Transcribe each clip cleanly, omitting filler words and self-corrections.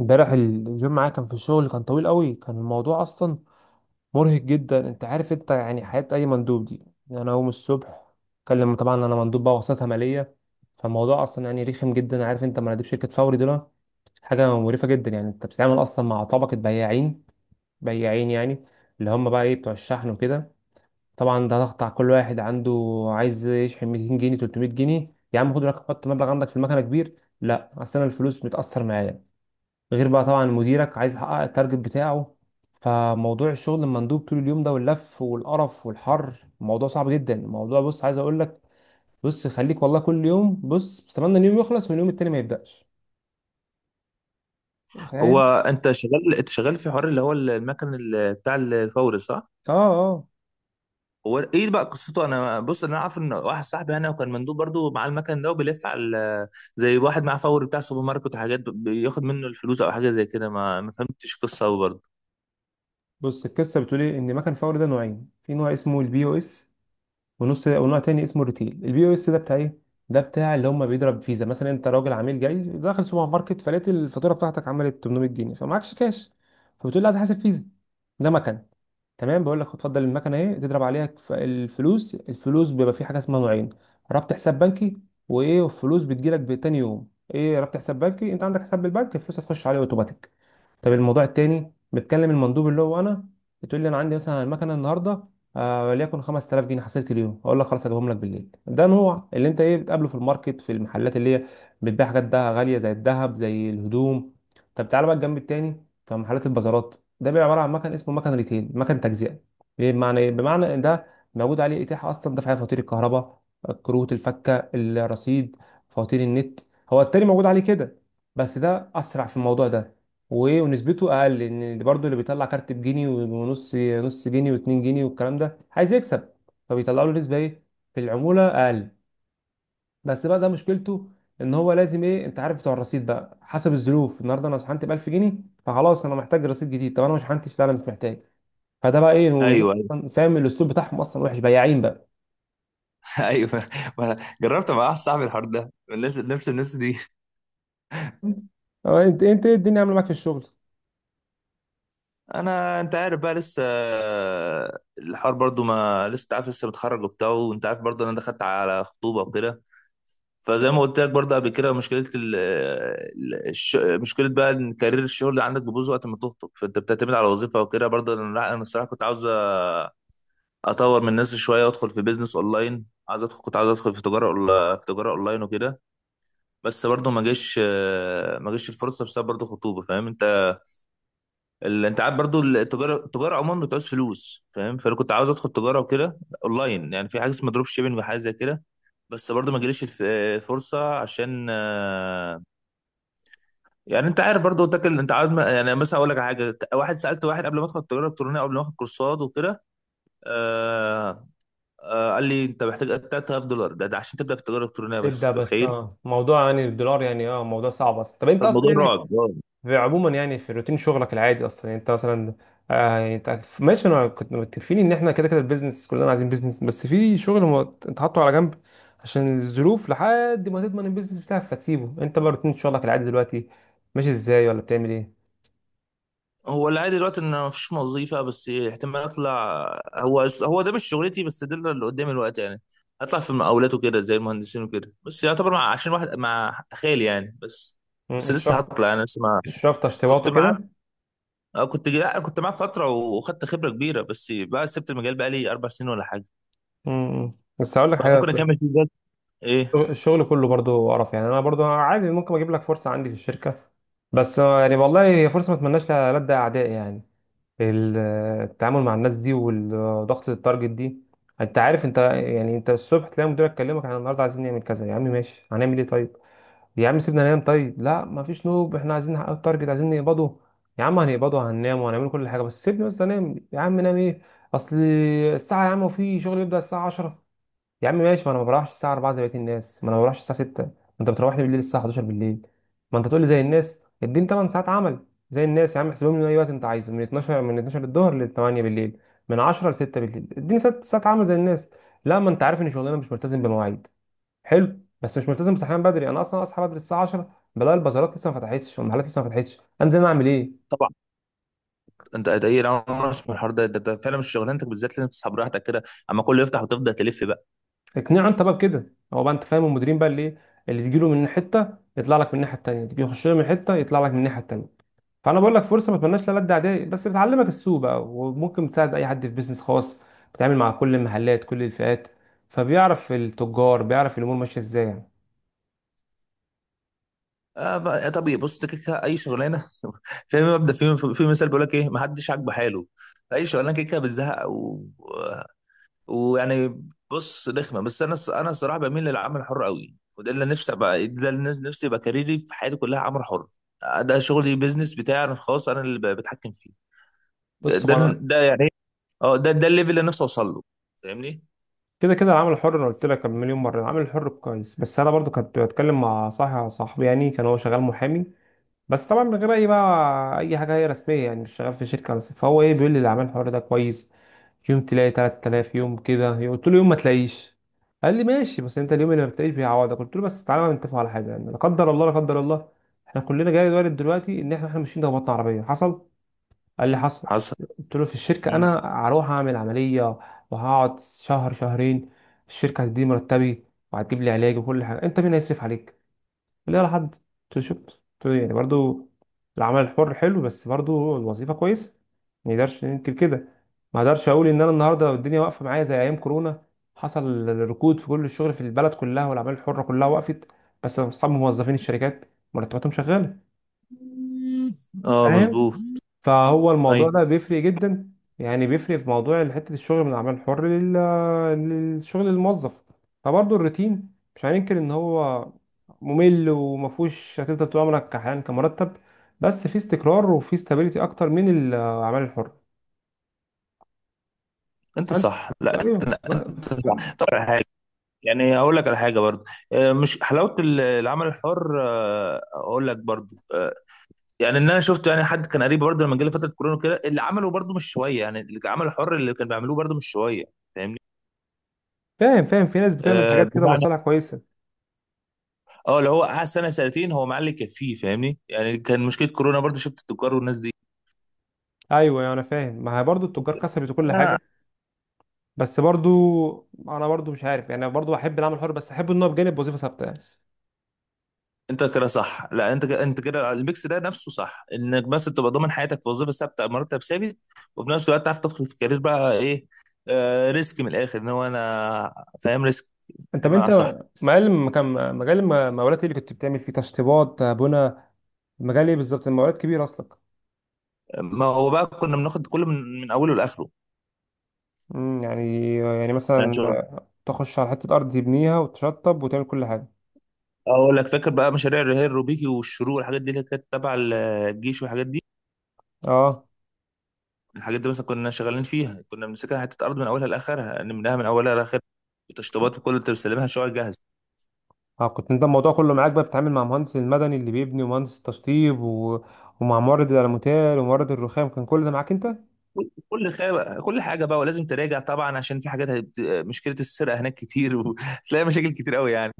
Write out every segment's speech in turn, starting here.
امبارح اليوم معايا كان في الشغل كان طويل قوي، كان الموضوع اصلا مرهق جدا. انت عارف يعني حياة اي مندوب دي. يعني انا اقوم الصبح اكلم، طبعا انا مندوب بقى وساطة مالية. فالموضوع اصلا يعني رخم جدا. عارف انت مناديب شركة فوري دول حاجة مقرفة جدا. يعني انت بتتعامل اصلا مع طبقة بياعين، بياعين يعني، اللي هم بقى ايه، بتوع الشحن وكده. طبعا ده ضغط على كل واحد عنده، عايز يشحن 200 جنيه، 300 جنيه. يا عم خد لك حط مبلغ عندك في المكنة كبير. لا، اصل انا الفلوس متأثر معايا. غير بقى طبعا مديرك عايز يحقق التارجت بتاعه. فموضوع الشغل المندوب طول اليوم ده واللف والقرف والحر، الموضوع صعب جدا. الموضوع بص عايز اقول لك، بص خليك والله كل يوم بص بتمنى اليوم يخلص واليوم التاني ما يبدأش. هو فاهم؟ انت شغال انت شغال في حوار اللي هو المكن بتاع الفوري، صح؟ اه. اه. هو ايه بقى قصته؟ انا بص، انا عارف ان واحد صاحبي انا، وكان مندوب برضو معاه المكن ده وبيلف على زي واحد معاه فوري بتاع سوبر ماركت وحاجات، بياخد منه الفلوس او حاجه زي كده، ما فهمتش قصه أوي برضو. بص القصه بتقول ايه، ان مكن فوري ده نوعين، في نوع اسمه البي او اس ونص، ونوع تاني اسمه الريتيل. البي او اس ده بتاع ايه؟ ده بتاع اللي هم بيضرب فيزا. مثلا انت راجل عميل جاي داخل سوبر ماركت فلقيت الفاتوره بتاعتك عملت 800 جنيه فمعكش كاش، فبتقول لي عايز احاسب فيزا. ده مكن. تمام. بقول لك هتفضل المكنه ايه، تضرب عليها. الفلوس بيبقى في حاجه اسمها نوعين. ربط حساب بنكي، وايه؟ والفلوس بتجيلك بتاني يوم. ايه ربط حساب بنكي؟ انت عندك حساب بالبنك، الفلوس هتخش عليه اوتوماتيك. طب الموضوع التاني، بتكلم المندوب اللي هو انا، بتقول لي انا عندي مثلا المكنه النهارده، وليكن 5000 جنيه حصلت اليوم، اقول لك خلاص هجيبهم لك بالليل. ده نوع اللي انت ايه بتقابله في الماركت، في المحلات اللي هي بتبيع حاجات ده غاليه، زي الذهب زي الهدوم. طب تعالى بقى الجنب التاني في محلات البازارات، ده بيبقى عباره عن مكن اسمه مكن ريتيل، مكن تجزئه. إيه بمعنى ايه؟ بمعنى إن ده موجود عليه اتاحه اصلا دفع فواتير الكهرباء، كروت الفكه، الرصيد، فواتير النت. هو التاني موجود عليه كده بس ده اسرع في الموضوع ده. وايه ونسبته اقل، ان برضه اللي بيطلع كارت بجنيه ونص، نص جنيه واتنين جنيه والكلام ده عايز يكسب، فبيطلعوا له نسبه ايه، في العموله اقل. بس بقى ده مشكلته ان هو لازم ايه، انت عارف بتوع الرصيد بقى، حسب الظروف النهارده انا شحنت ب 1000 جنيه فخلاص انا محتاج رصيد جديد، طب انا ما شحنتش، لا انا مش محتاج. فده بقى ايه، والناس ايوه، ايوه. أصلاً فاهم الاسلوب بتاعهم اصلا وحش، بياعين بقى. ايوه. ما أنا جربت مع واحد صاحبي الحوار ده، الناس نفس الناس دي. أه، انت ايه الدنيا عامله معاك في الشغل؟ انت عارف بقى، لسه الحوار برضو، ما لسه أنت عارف، لسه متخرج وبتاع، وانت عارف برضو انا دخلت على خطوبه وكده. فزي ما قلت لك برضه قبل كده، مشكله بقى ان كارير الشغل اللي عندك بيبوظ وقت ما تخطب، فانت بتعتمد على وظيفه وكده برضه. انا، لا، انا الصراحه كنت عاوز اطور من نفسي شويه وادخل في بيزنس اونلاين. عايز ادخل كنت عاوز ادخل في تجاره في تجاره اونلاين وكده. بس برضه ما جاش الفرصه بسبب برضه خطوبه، فاهم انت؟ انت عارف برضه، التجاره عموما بتعوز فلوس، فاهم؟ فانا كنت عاوز ادخل تجاره وكده اونلاين، يعني في حاجه اسمها دروب شيبنج وحاجه زي كده. بس برضه ما جاليش الفرصه، عشان يعني انت عارف برضه، قلت لك انت عارف، يعني مثلا اقول لك على حاجه، واحد سالت واحد قبل ما ادخل التجاره الالكترونيه، قبل ما اخد كورسات وكده. آه قال لي انت محتاج $3000 ده, عشان تبدا في التجاره الالكترونيه، بس ابدأ. انت بس متخيل؟ اه موضوع يعني الدولار، يعني اه موضوع صعب اصلا. طب انت طب اصلا الموضوع يعني رعب، رعب. عموما، يعني في روتين شغلك العادي اصلا، يعني انت مثلا آه، يعني انت ماشي، انا كنت متفقين ان احنا كده كده البيزنس، كلنا عايزين بيزنس بس في شغل هو انت حاطه على جنب عشان الظروف لحد ما تضمن البيزنس بتاعك فتسيبه. انت بقى روتين شغلك العادي دلوقتي ماشي ازاي، ولا بتعمل ايه؟ هو العادي دلوقتي ان مفيش وظيفه، بس احتمال اطلع. هو ده مش شغلتي، بس ده اللي قدامي الوقت، يعني اطلع في المقاولات وكده زي المهندسين وكده، بس يعتبر مع، عشان واحد، مع خالي يعني، بس. مم، بس لسه الشفط. هطلع، انا لسه ما الشفط كنت اشتباطه معاه. كده. أنا كنت، لا، أنا كنت معاه فترة وخدت خبرة كبيرة، بس بقى سبت المجال بقى لي 4 سنين ولا حاجة، مم. بس هقول لك بقى حاجه، ممكن أكمل فيه بجد. إيه؟ الشغل كله برضو قرف. يعني انا برضو عادي ممكن اجيب لك فرصه عندي في الشركه، بس يعني والله هي فرصه ما اتمناش لألد اعدائي. يعني ال- التعامل مع الناس دي، والضغط، التارجت دي. انت عارف يعني، انت الصبح تلاقي مديرك يكلمك: احنا النهارده عايزين نعمل كذا. يا عم ماشي، هنعمل ايه؟ طيب يا عم سيبنا ننام. طيب لا مفيش نوم، احنا عايزين نحقق التارجت، عايزين نقبضه. يا عم هنقبضه، هننام وهنعمل كل حاجه بس سيبني بس انام. يا عم نام ايه، اصل الساعه يا عم، وفي شغل بيبدأ الساعه 10. يا عم ماشي، ما انا ما بروحش الساعه 4 زي بقيه الناس، ما انا ما بروحش الساعه 6. ما انت بتروح لي بالليل الساعه 11 بالليل. ما انت تقول لي زي الناس اديني 8 ساعات عمل زي الناس. يا عم احسبهم لي من اي وقت انت عايزه، من 12، من 12 الظهر ل 8 بالليل، من 10 ل 6 بالليل، اديني 6 ساعات عمل زي الناس. لا ما انت عارف ان شغلنا مش ملتزم بمواعيد. حلو بس مش ملتزم بصحيان بدري، انا اصلا اصحى بدري الساعه 10 بلاقي البازارات لسه ما فتحتش والمحلات لسه ما فتحتش، انزل أنا اعمل ايه؟ طبعا. أنت ده إيه؟ أنا ما أعرفش من الحوار ده فعلا مش شغلانتك بالذات، لازم تسحب راحتك كده، أما كله يفتح وتفضل تلف بقى. اقنعه انت بقى بكده. هو بقى انت فاهم المديرين بقى، اللي ايه، اللي تجيله من حته يطلع لك من الناحيه التانيه، تيجي يخش له من حته يطلع لك من الناحيه التانيه. فانا بقول لك فرصه ما اتمناش لا لد اعدائي، بس بتعلمك السوق بقى، وممكن تساعد اي حد في بيزنس خاص، بتتعامل مع كل المحلات، كل الفئات، فبيعرف التجار، بيعرف الامور ماشيه ازاي يعني. آه بقى طبيعي، بص أنت كده كده أي شغلانة. في مبدأ، في مثال بيقول لك إيه: ما حدش عاجبه حاله، فأي شغلانة كده كده بتزهق ويعني، بص، رخمه. بس انا الصراحه بميل للعمل الحر قوي، وده اللي نفسي ابقى، ده اللي نفسي يبقى كاريري في حياتي كلها عمل حر. ده شغلي، بيزنس بتاعي انا الخاص، انا اللي بتحكم فيه. ده بص ده, هو انا ده يعني، ده الليفل اللي نفسي اوصل له، فاهمني؟ كده كده العمل الحر، انا قلت لك مليون مره العمل الحر كويس، بس انا برضو كنت بتكلم مع صاحبي يعني، كان هو شغال محامي بس طبعا من غير اي بقى اي حاجه هي رسميه، يعني مش شغال في شركه. بس فهو ايه بيقول لي، اللي عمل الحوار ده كويس، يوم تلاقي 3000، يوم كده، قلت له يوم ما تلاقيش. قال لي ماشي بس انت اليوم اللي ما بتلاقيش بيعوضك. قلت له بس تعالى بقى نتفق على حاجه يعني، لا قدر الله لا قدر الله، احنا كلنا جاي وارد دلوقتي ان احنا ماشيين ده بطن عربيه حصل. قال لي حصل. حصل. قلت له في الشركه مم. انا هروح اعمل عمليه وهقعد شهر شهرين، الشركه هتديني مرتبي وهتجيب لي علاج وكل حاجه. انت مين هيصرف عليك؟ اللي هي لحد تشوف يعني. برضو العمل الحر حلو، بس برضو الوظيفة كويسة، ما نقدرش ننكر كده. ما اقدرش اقول ان انا النهارده الدنيا واقفة معايا، زي ايام كورونا حصل ركود في كل الشغل في البلد كلها، والاعمال الحرة كلها وقفت، بس اصحاب موظفين الشركات مرتباتهم شغالة. اه، فاهم؟ مظبوط. فهو ايوه، الموضوع ده بيفرق جدا، يعني بيفرق في موضوع حتة الشغل من العمل الحر للشغل الموظف. فبرضه الروتين مش هننكر ان هو ممل، ومفهوش هتفضل طول عمرك كحيان كمرتب، بس في استقرار وفي استابيليتي اكتر من العمل الحر. انت فانت، صح، لا ايوه لا بقى- انت صح، طب على حاجه. يعني هقول لك على حاجه برضه، مش حلاوه العمل الحر، اقول لك برضه، يعني ان انا شفت يعني حد كان قريب برضه لما جالي فتره كورونا كده، اللي عمله برضه مش شويه، يعني اللي عمله حر، اللي كان بيعملوه برضه مش شويه، فاهمني؟ فاهم فاهم. في ناس بتعمل حاجات كده بمعنى، مصالح كويسة. اه اللي هو قعد سنه سنتين هو معلي كفيه، فاهمني؟ يعني كان مشكله كورونا برضه، شفت التجار والناس دي. ايوه، يعني انا فاهم، ما هي برضه التجار كسبت وكل آه. حاجة، بس انا برضه مش عارف، يعني برضه احب العمل الحر بس احب ان هو بجانب وظيفة ثابتة يعني. انت كده صح، لا انت كده، انت كده الميكس ده نفسه صح، انك بس تبقى ضامن حياتك في وظيفه ثابته، مرتب ثابت، وفي نفس الوقت تعرف تدخل في كارير بقى، ايه، ريسك من الاخر، ان هو انا فاهم ريسك، انت، طب انت بمعنى، صح. مجال، مكان، مجال المقاولات ايه اللي كنت بتعمل فيه، تشطيبات، بنا، مجال ايه بالظبط؟ المقاولات كبير اصلا. ما هو بقى كنا بناخد كله من اوله لاخره، امم، يعني يعني يعني مثلا تخش على حته ارض تبنيها وتشطب وتعمل كل حاجه. اقول لك فاكر بقى مشاريع الرهان الروبيكي والشروق والحاجات دي اللي كانت تبع الجيش والحاجات دي. اه. الحاجات دي مثلا كنا شغالين فيها، كنا بنمسكها حته ارض من اولها لاخرها، يعني منها، من اولها لاخرها، التشطيبات وكل، انت بتستلمها شويه جاهز. اه كنت انت الموضوع كله معاك بقى، بتتعامل مع مهندس المدني اللي بيبني، ومهندس التشطيب و... ومع مورد الالوميتال ومورد الرخام، كان كل ده معاك انت؟ كل حاجه بقى، ولازم تراجع طبعا، عشان في حاجات مشكله السرقه هناك كتير، وتلاقي مشاكل كتير قوي يعني.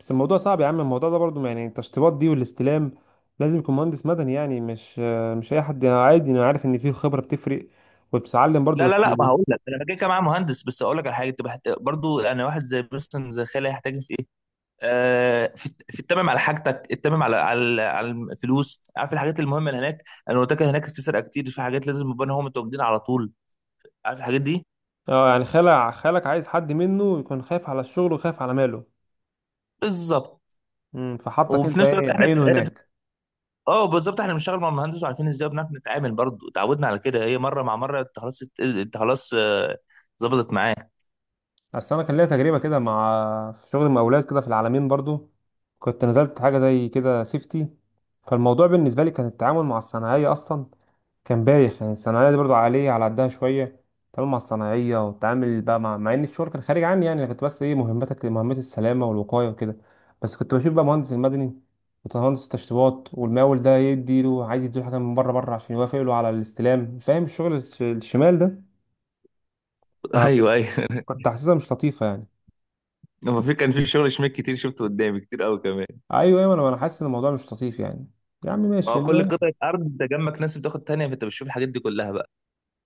بس الموضوع صعب يا عم، الموضوع ده برضو يعني التشطيبات دي والاستلام لازم يكون مهندس مدني يعني، مش اي حد. انا عادي انا عارف ان فيه خبره بتفرق، وبتتعلم برضو، لا لا بس لا، ما هقول لك، انا كده كده معايا مهندس، بس اقول لك على حاجه، تبقى برضو انا واحد زي مثلا زي خالي، هيحتاج في ايه، في التمم على حاجتك، التمم على الفلوس، عارف الحاجات المهمه اللي هناك. انا قلت لك هناك في سرقه كتير، في حاجات لازم يبقى هم متواجدين على طول، عارف الحاجات دي. اه يعني خالع خالك عايز حد منه يكون خايف على الشغل وخايف على ماله. بالظبط. امم، فحطك وفي انت نفس الوقت ايه احنا، عينه هناك. اه بالظبط، احنا بنشتغل مع المهندس وعارفين ازاي، بنعرف نتعامل برضه، اتعودنا على كده، هي مره مع مره، انت خلاص ظبطت معاك. بس انا كان ليا تجربه كده مع، في شغل مقاولات كده في العالمين برضو، كنت نزلت حاجه زي كده سيفتي. فالموضوع بالنسبه لي كان التعامل مع الصناعيه اصلا كان بايخ. يعني الصناعية دي برضو عالية على قدها شوية، تعامل مع الصناعية، وتعامل بقى مع إن الشغل كان خارج عني. يعني أنا كنت بس إيه مهمتك، مهمات السلامة والوقاية وكده، بس كنت بشوف بقى مهندس المدني ومهندس التشطيبات والمقاول، ده يديله، عايز يديله حاجة من بره، بره عشان يوافق له على الاستلام. فاهم الشغل الشمال ده؟ فكنت، ايوه، ايوه. كنت حاسسها مش لطيفة يعني. هو في كان في شغل شميك كتير شفته قدامي كتير قوي كمان. أيوه أيوه، أنا حاسس إن الموضوع مش لطيف يعني. يا عم ما ماشي هو كل المهم. قطعه ارض، انت جنبك ناس بتاخد تانية، فانت بتشوف الحاجات دي كلها بقى.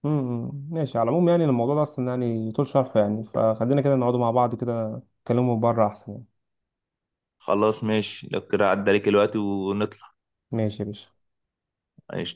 ماشي، على العموم يعني الموضوع ده أصلا يعني طول شرحه، يعني فخلينا كده نقعدوا مع بعض كده نتكلموا بره أحسن يعني. خلاص ماشي، لو كده عدى عليك الوقت ونطلع. ماشي يا باشا.